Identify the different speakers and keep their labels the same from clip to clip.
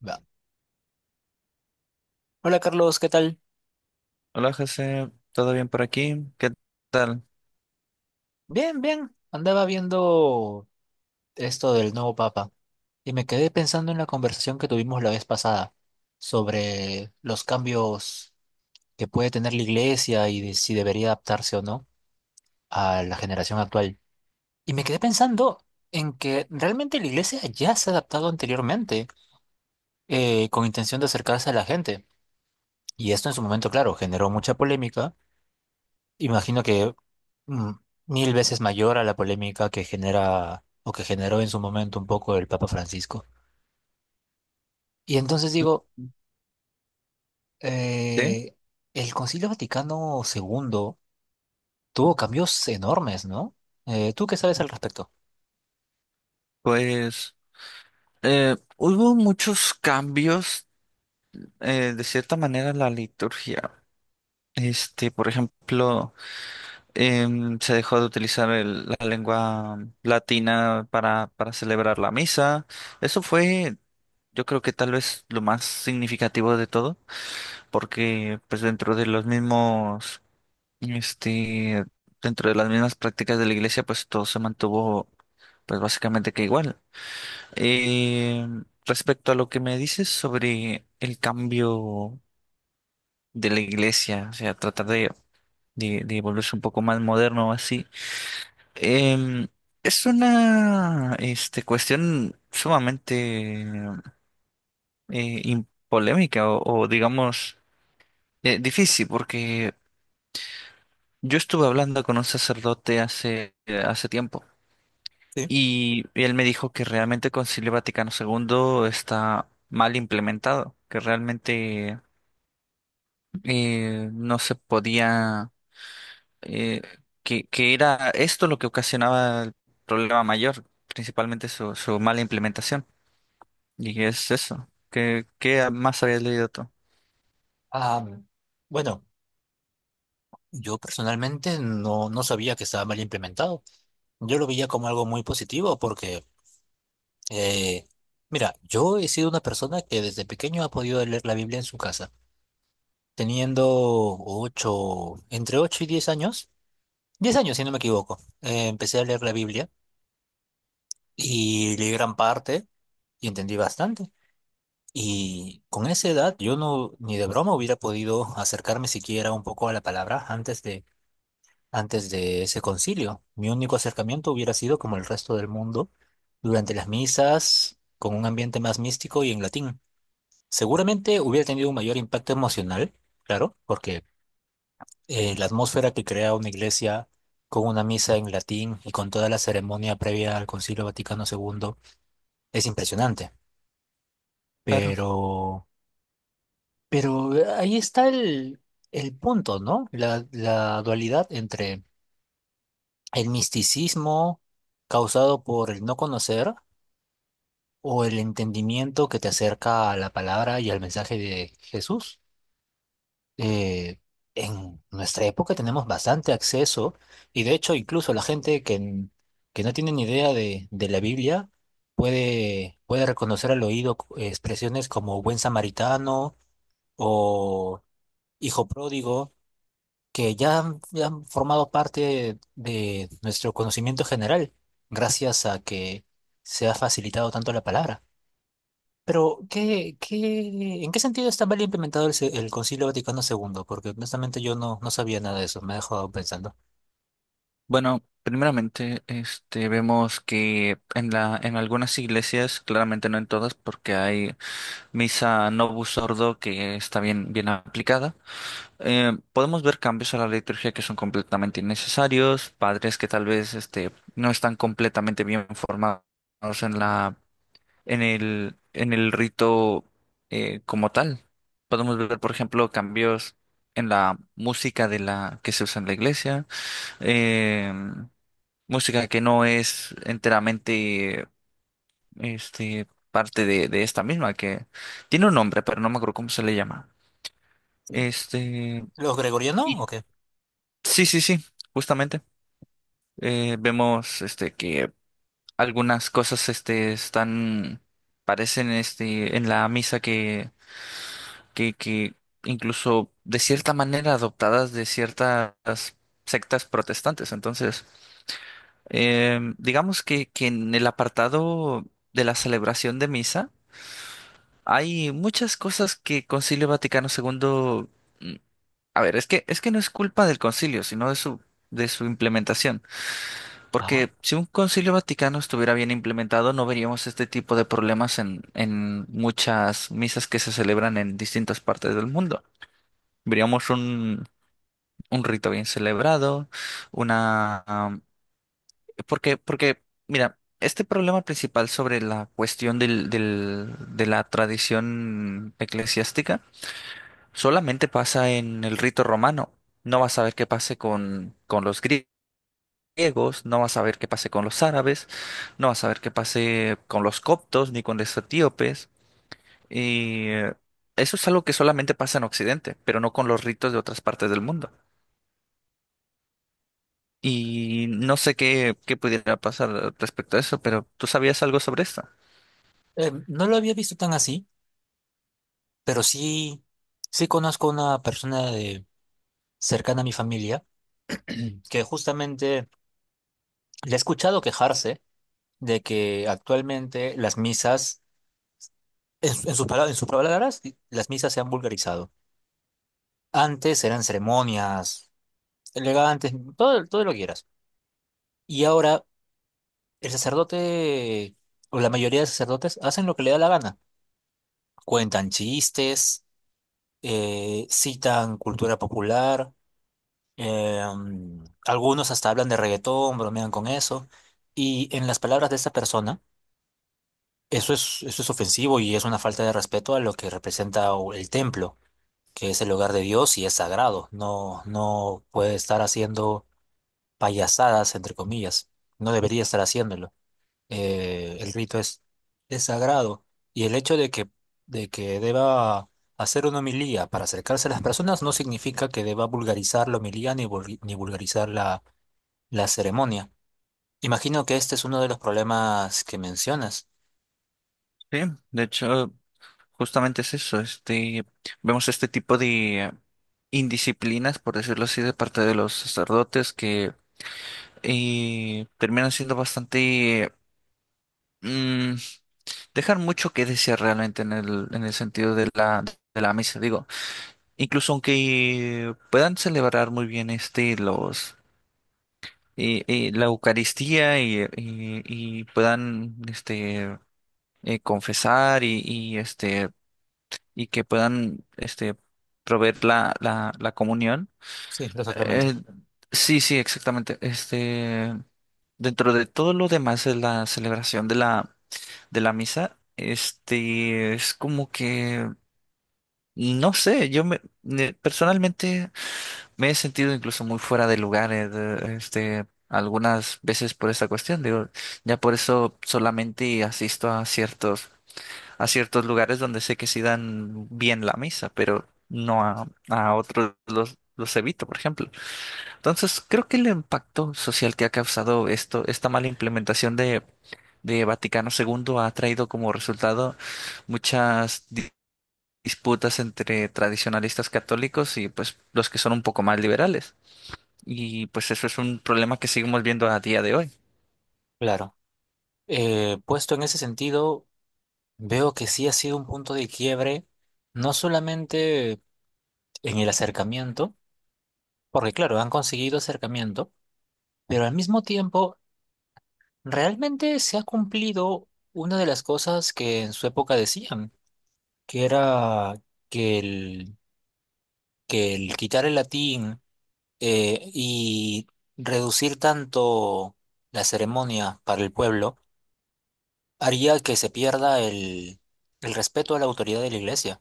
Speaker 1: Va. Hola Carlos, ¿qué tal?
Speaker 2: Hola, José, ¿todo bien por aquí? ¿Qué tal?
Speaker 1: Bien, bien. Andaba viendo esto del nuevo Papa y me quedé pensando en la conversación que tuvimos la vez pasada sobre los cambios que puede tener la Iglesia y de si debería adaptarse o no a la generación actual. Y me quedé pensando en que realmente la Iglesia ya se ha adaptado anteriormente, con intención de acercarse a la gente. Y esto en su momento, claro, generó mucha polémica, imagino que mm, mil veces mayor a la polémica que genera o que generó en su momento un poco el Papa Francisco. Y entonces digo,
Speaker 2: Mm. Sí,
Speaker 1: eh, el Concilio Vaticano II tuvo cambios enormes, ¿no? Tú qué sabes al respecto?
Speaker 2: pues hubo muchos cambios de cierta manera en la liturgia. Este, por ejemplo, se dejó de utilizar la lengua latina para celebrar la misa. Eso fue, yo creo que tal vez lo más significativo de todo, porque pues dentro de los mismos... Este, dentro de las mismas prácticas de la iglesia, pues todo se mantuvo, pues básicamente que igual. Eh, Respecto a lo que me dices sobre el cambio de la iglesia, o sea, tratar de volverse un poco más moderno o así, em, es una, este, cuestión sumamente polémica o digamos difícil, porque yo estuve hablando con un sacerdote hace tiempo.
Speaker 1: Sí.
Speaker 2: Y él me dijo que realmente el Concilio Vaticano segundo está mal implementado, que realmente no se podía, eh, que era esto lo que ocasionaba el problema mayor, principalmente su mala implementación. Y es eso. Qué más habías leído tú?
Speaker 1: Ah, bueno, yo personalmente no sabía que estaba mal implementado. Yo lo veía como algo muy positivo porque, eh, mira, yo he sido una persona que desde pequeño ha podido leer la Biblia en su casa. Teniendo ocho, entre 8 y 10 años si no me equivoco, empecé a leer la Biblia y leí gran parte y entendí bastante. Y con esa edad yo no, ni de broma hubiera podido acercarme siquiera un poco a la palabra antes de ese concilio. Mi único acercamiento hubiera sido como el resto del mundo, durante las misas, con un ambiente más místico y en latín. Seguramente hubiera tenido un mayor impacto emocional, claro, porque la atmósfera que crea una iglesia con una misa en latín y con toda la ceremonia previa al Concilio Vaticano II es impresionante.
Speaker 2: Claro.
Speaker 1: Pero, pero ahí está el punto, ¿no? La dualidad entre el misticismo causado por el no conocer o el entendimiento que te acerca a la palabra y al mensaje de Jesús. eh, en nuestra época tenemos bastante acceso y de hecho incluso la gente que no tiene ni idea de la Biblia puede reconocer al oído expresiones como buen samaritano o hijo pródigo ya han formado parte de nuestro conocimiento general gracias a que se ha facilitado tanto la palabra. Pero, ¿ en qué sentido está mal implementado el Concilio Vaticano II? Porque honestamente yo no sabía nada de eso, me ha dejado pensando.
Speaker 2: Bueno, primeramente, este, vemos que en en algunas iglesias, claramente no en todas, porque hay misa Novus Ordo que está bien aplicada. Podemos ver cambios a la liturgia que son completamente innecesarios, padres que tal vez este, no están completamente bien formados en la, en el rito como tal. Podemos ver, por ejemplo, cambios en la música de la que se usa en la iglesia, eh, música que no es enteramente este, parte de esta misma, que tiene un nombre, pero no me acuerdo cómo se le llama.
Speaker 1: Sí.
Speaker 2: Este,
Speaker 1: ¿Los gregorianos o
Speaker 2: sí,
Speaker 1: qué?
Speaker 2: sí, justamente. Vemos este que algunas cosas este están, parecen este en la misa que que incluso de cierta manera adoptadas de ciertas sectas protestantes. Entonces, digamos que en el apartado de la celebración de misa hay muchas cosas que Concilio Vaticano segundo... mm, a ver, es que no es culpa del concilio, sino de su, de su implementación.
Speaker 1: Ajá.
Speaker 2: Porque si un Concilio Vaticano estuviera bien implementado, no veríamos este tipo de problemas en muchas misas que se celebran en distintas partes del mundo. Veríamos un rito bien celebrado, una... porque, porque, mira, este problema principal sobre la cuestión de la tradición eclesiástica solamente pasa en el rito romano. No vas a ver qué pase con los griegos, griegos, no vas a ver qué pase con los árabes, no vas a ver qué pase con los coptos ni con los etíopes. Y eso es algo que solamente pasa en Occidente, pero no con los ritos de otras partes del mundo. Y no sé qué pudiera pasar respecto a eso, pero ¿tú sabías algo sobre esto?
Speaker 1: No lo había visto tan así, pero sí, sí conozco una persona de, cercana a mi familia que justamente le he escuchado quejarse de que actualmente las misas, en, su- en sus palabras, las misas se han vulgarizado. Antes eran ceremonias elegantes, todo, todo lo que quieras. Y ahora el sacerdote, o la mayoría de sacerdotes, hacen lo que le da la gana. Cuentan chistes, citan cultura popular, algunos hasta hablan de reggaetón, bromean con eso. Y en las palabras de esta persona, eso es ofensivo y es una falta de respeto a lo que representa el templo, que es el hogar de Dios y es sagrado. No puede estar haciendo payasadas, entre comillas. No debería estar haciéndolo. eh, el rito es, es sagrado y el hecho de que deba hacer una homilía para acercarse a las personas no significa que deba vulgarizar la homilía ni vulgarizar la ceremonia. Imagino que este es uno de los problemas que mencionas.
Speaker 2: Sí, de hecho, justamente es eso. Este, vemos este tipo de indisciplinas, por decirlo así, de parte de los sacerdotes que... y terminan siendo bastante... mm, dejan mucho que desear realmente en el sentido de la misa, digo. Incluso aunque puedan celebrar muy bien este, los, la Eucaristía y puedan este, confesar este, y que puedan este, proveer la, la, la comunión.
Speaker 1: Sí, los
Speaker 2: eh,
Speaker 1: sacramentos.
Speaker 2: sí, sí, exactamente. Este, dentro de todo lo demás de la celebración de la, de la misa, este, es como que, no sé, personalmente me he sentido incluso muy fuera de lugar, este, algunas veces por esta cuestión, digo, ya por eso solamente asisto a ciertos lugares donde sé que sí dan bien la misa, pero no a otros los evito, por ejemplo. Entonces, creo que el impacto social que ha causado esto, esta mala implementación de Vaticano segundo ha traído como resultado muchas disputas entre tradicionalistas católicos y pues los que son un poco más liberales. Y pues eso es un problema que seguimos viendo a día de hoy.
Speaker 1: Claro. Puesto en ese sentido, veo que sí ha sido un punto de quiebre, no solamente en el acercamiento, porque claro, han conseguido acercamiento, pero al mismo tiempo realmente se ha cumplido una de las cosas que en su época decían, que era que el, que el quitar el latín y reducir tanto la ceremonia para el pueblo haría que se pierda el respeto a la autoridad de la iglesia.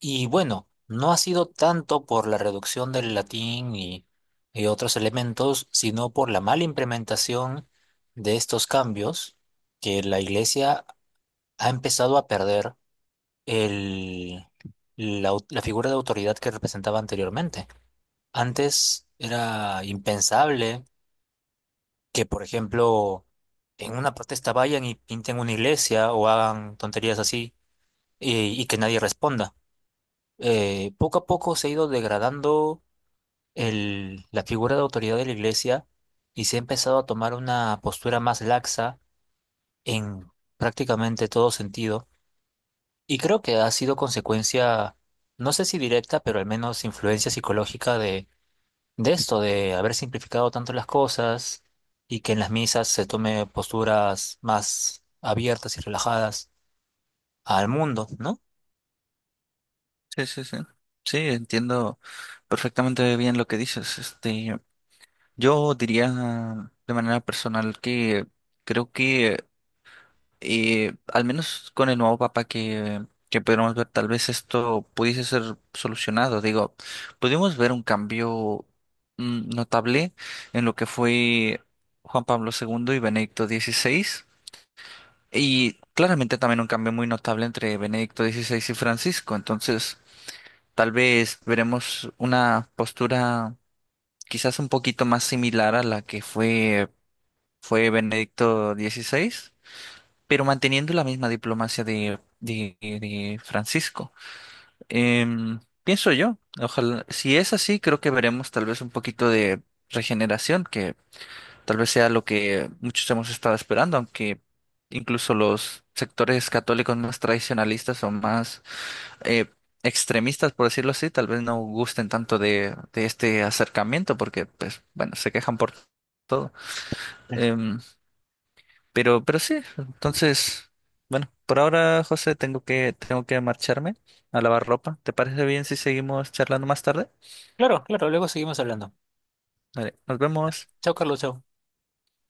Speaker 1: Y bueno, no ha sido tanto por la reducción del latín y otros elementos, sino por la mala implementación de estos cambios, que la iglesia ha empezado a perder el, la figura de autoridad que representaba anteriormente. Antes era impensable que, por ejemplo, en una protesta vayan y pinten una iglesia o hagan tonterías así y que nadie responda. Poco a poco se ha ido degradando la figura de autoridad de la iglesia y se ha empezado a tomar una postura más laxa en prácticamente todo sentido. Y creo que ha sido consecuencia, no sé si directa, pero al menos influencia psicológica de esto, de haber simplificado tanto las cosas y que en las misas se tome posturas más abiertas y relajadas al mundo, ¿no?
Speaker 2: Sí, sí, sí. Sí, entiendo perfectamente bien lo que dices. Este, yo diría de manera personal que creo que al menos con el nuevo papa que pudiéramos ver, tal vez esto pudiese ser solucionado. Digo, pudimos ver un cambio notable en lo que fue Juan Pablo segundo y Benedicto XVI, y claramente también un cambio muy notable entre Benedicto XVI y Francisco. Entonces, tal vez veremos una postura quizás un poquito más similar a la que fue Benedicto XVI, pero manteniendo la misma diplomacia de Francisco. Pienso yo, ojalá, si es así, creo que veremos tal vez un poquito de regeneración, que tal vez sea lo que muchos hemos estado esperando, aunque incluso los sectores católicos más tradicionalistas o más eh, extremistas, por decirlo así, tal vez no gusten tanto de este acercamiento, porque, pues, bueno, se quejan por todo. Em, pero sí, entonces, bueno, por ahora, José, tengo tengo que marcharme a lavar ropa. ¿Te parece bien si seguimos charlando más tarde?
Speaker 1: Claro, claro, luego seguimos hablando.
Speaker 2: Vale, nos vemos.
Speaker 1: Chao, Carlos, chao.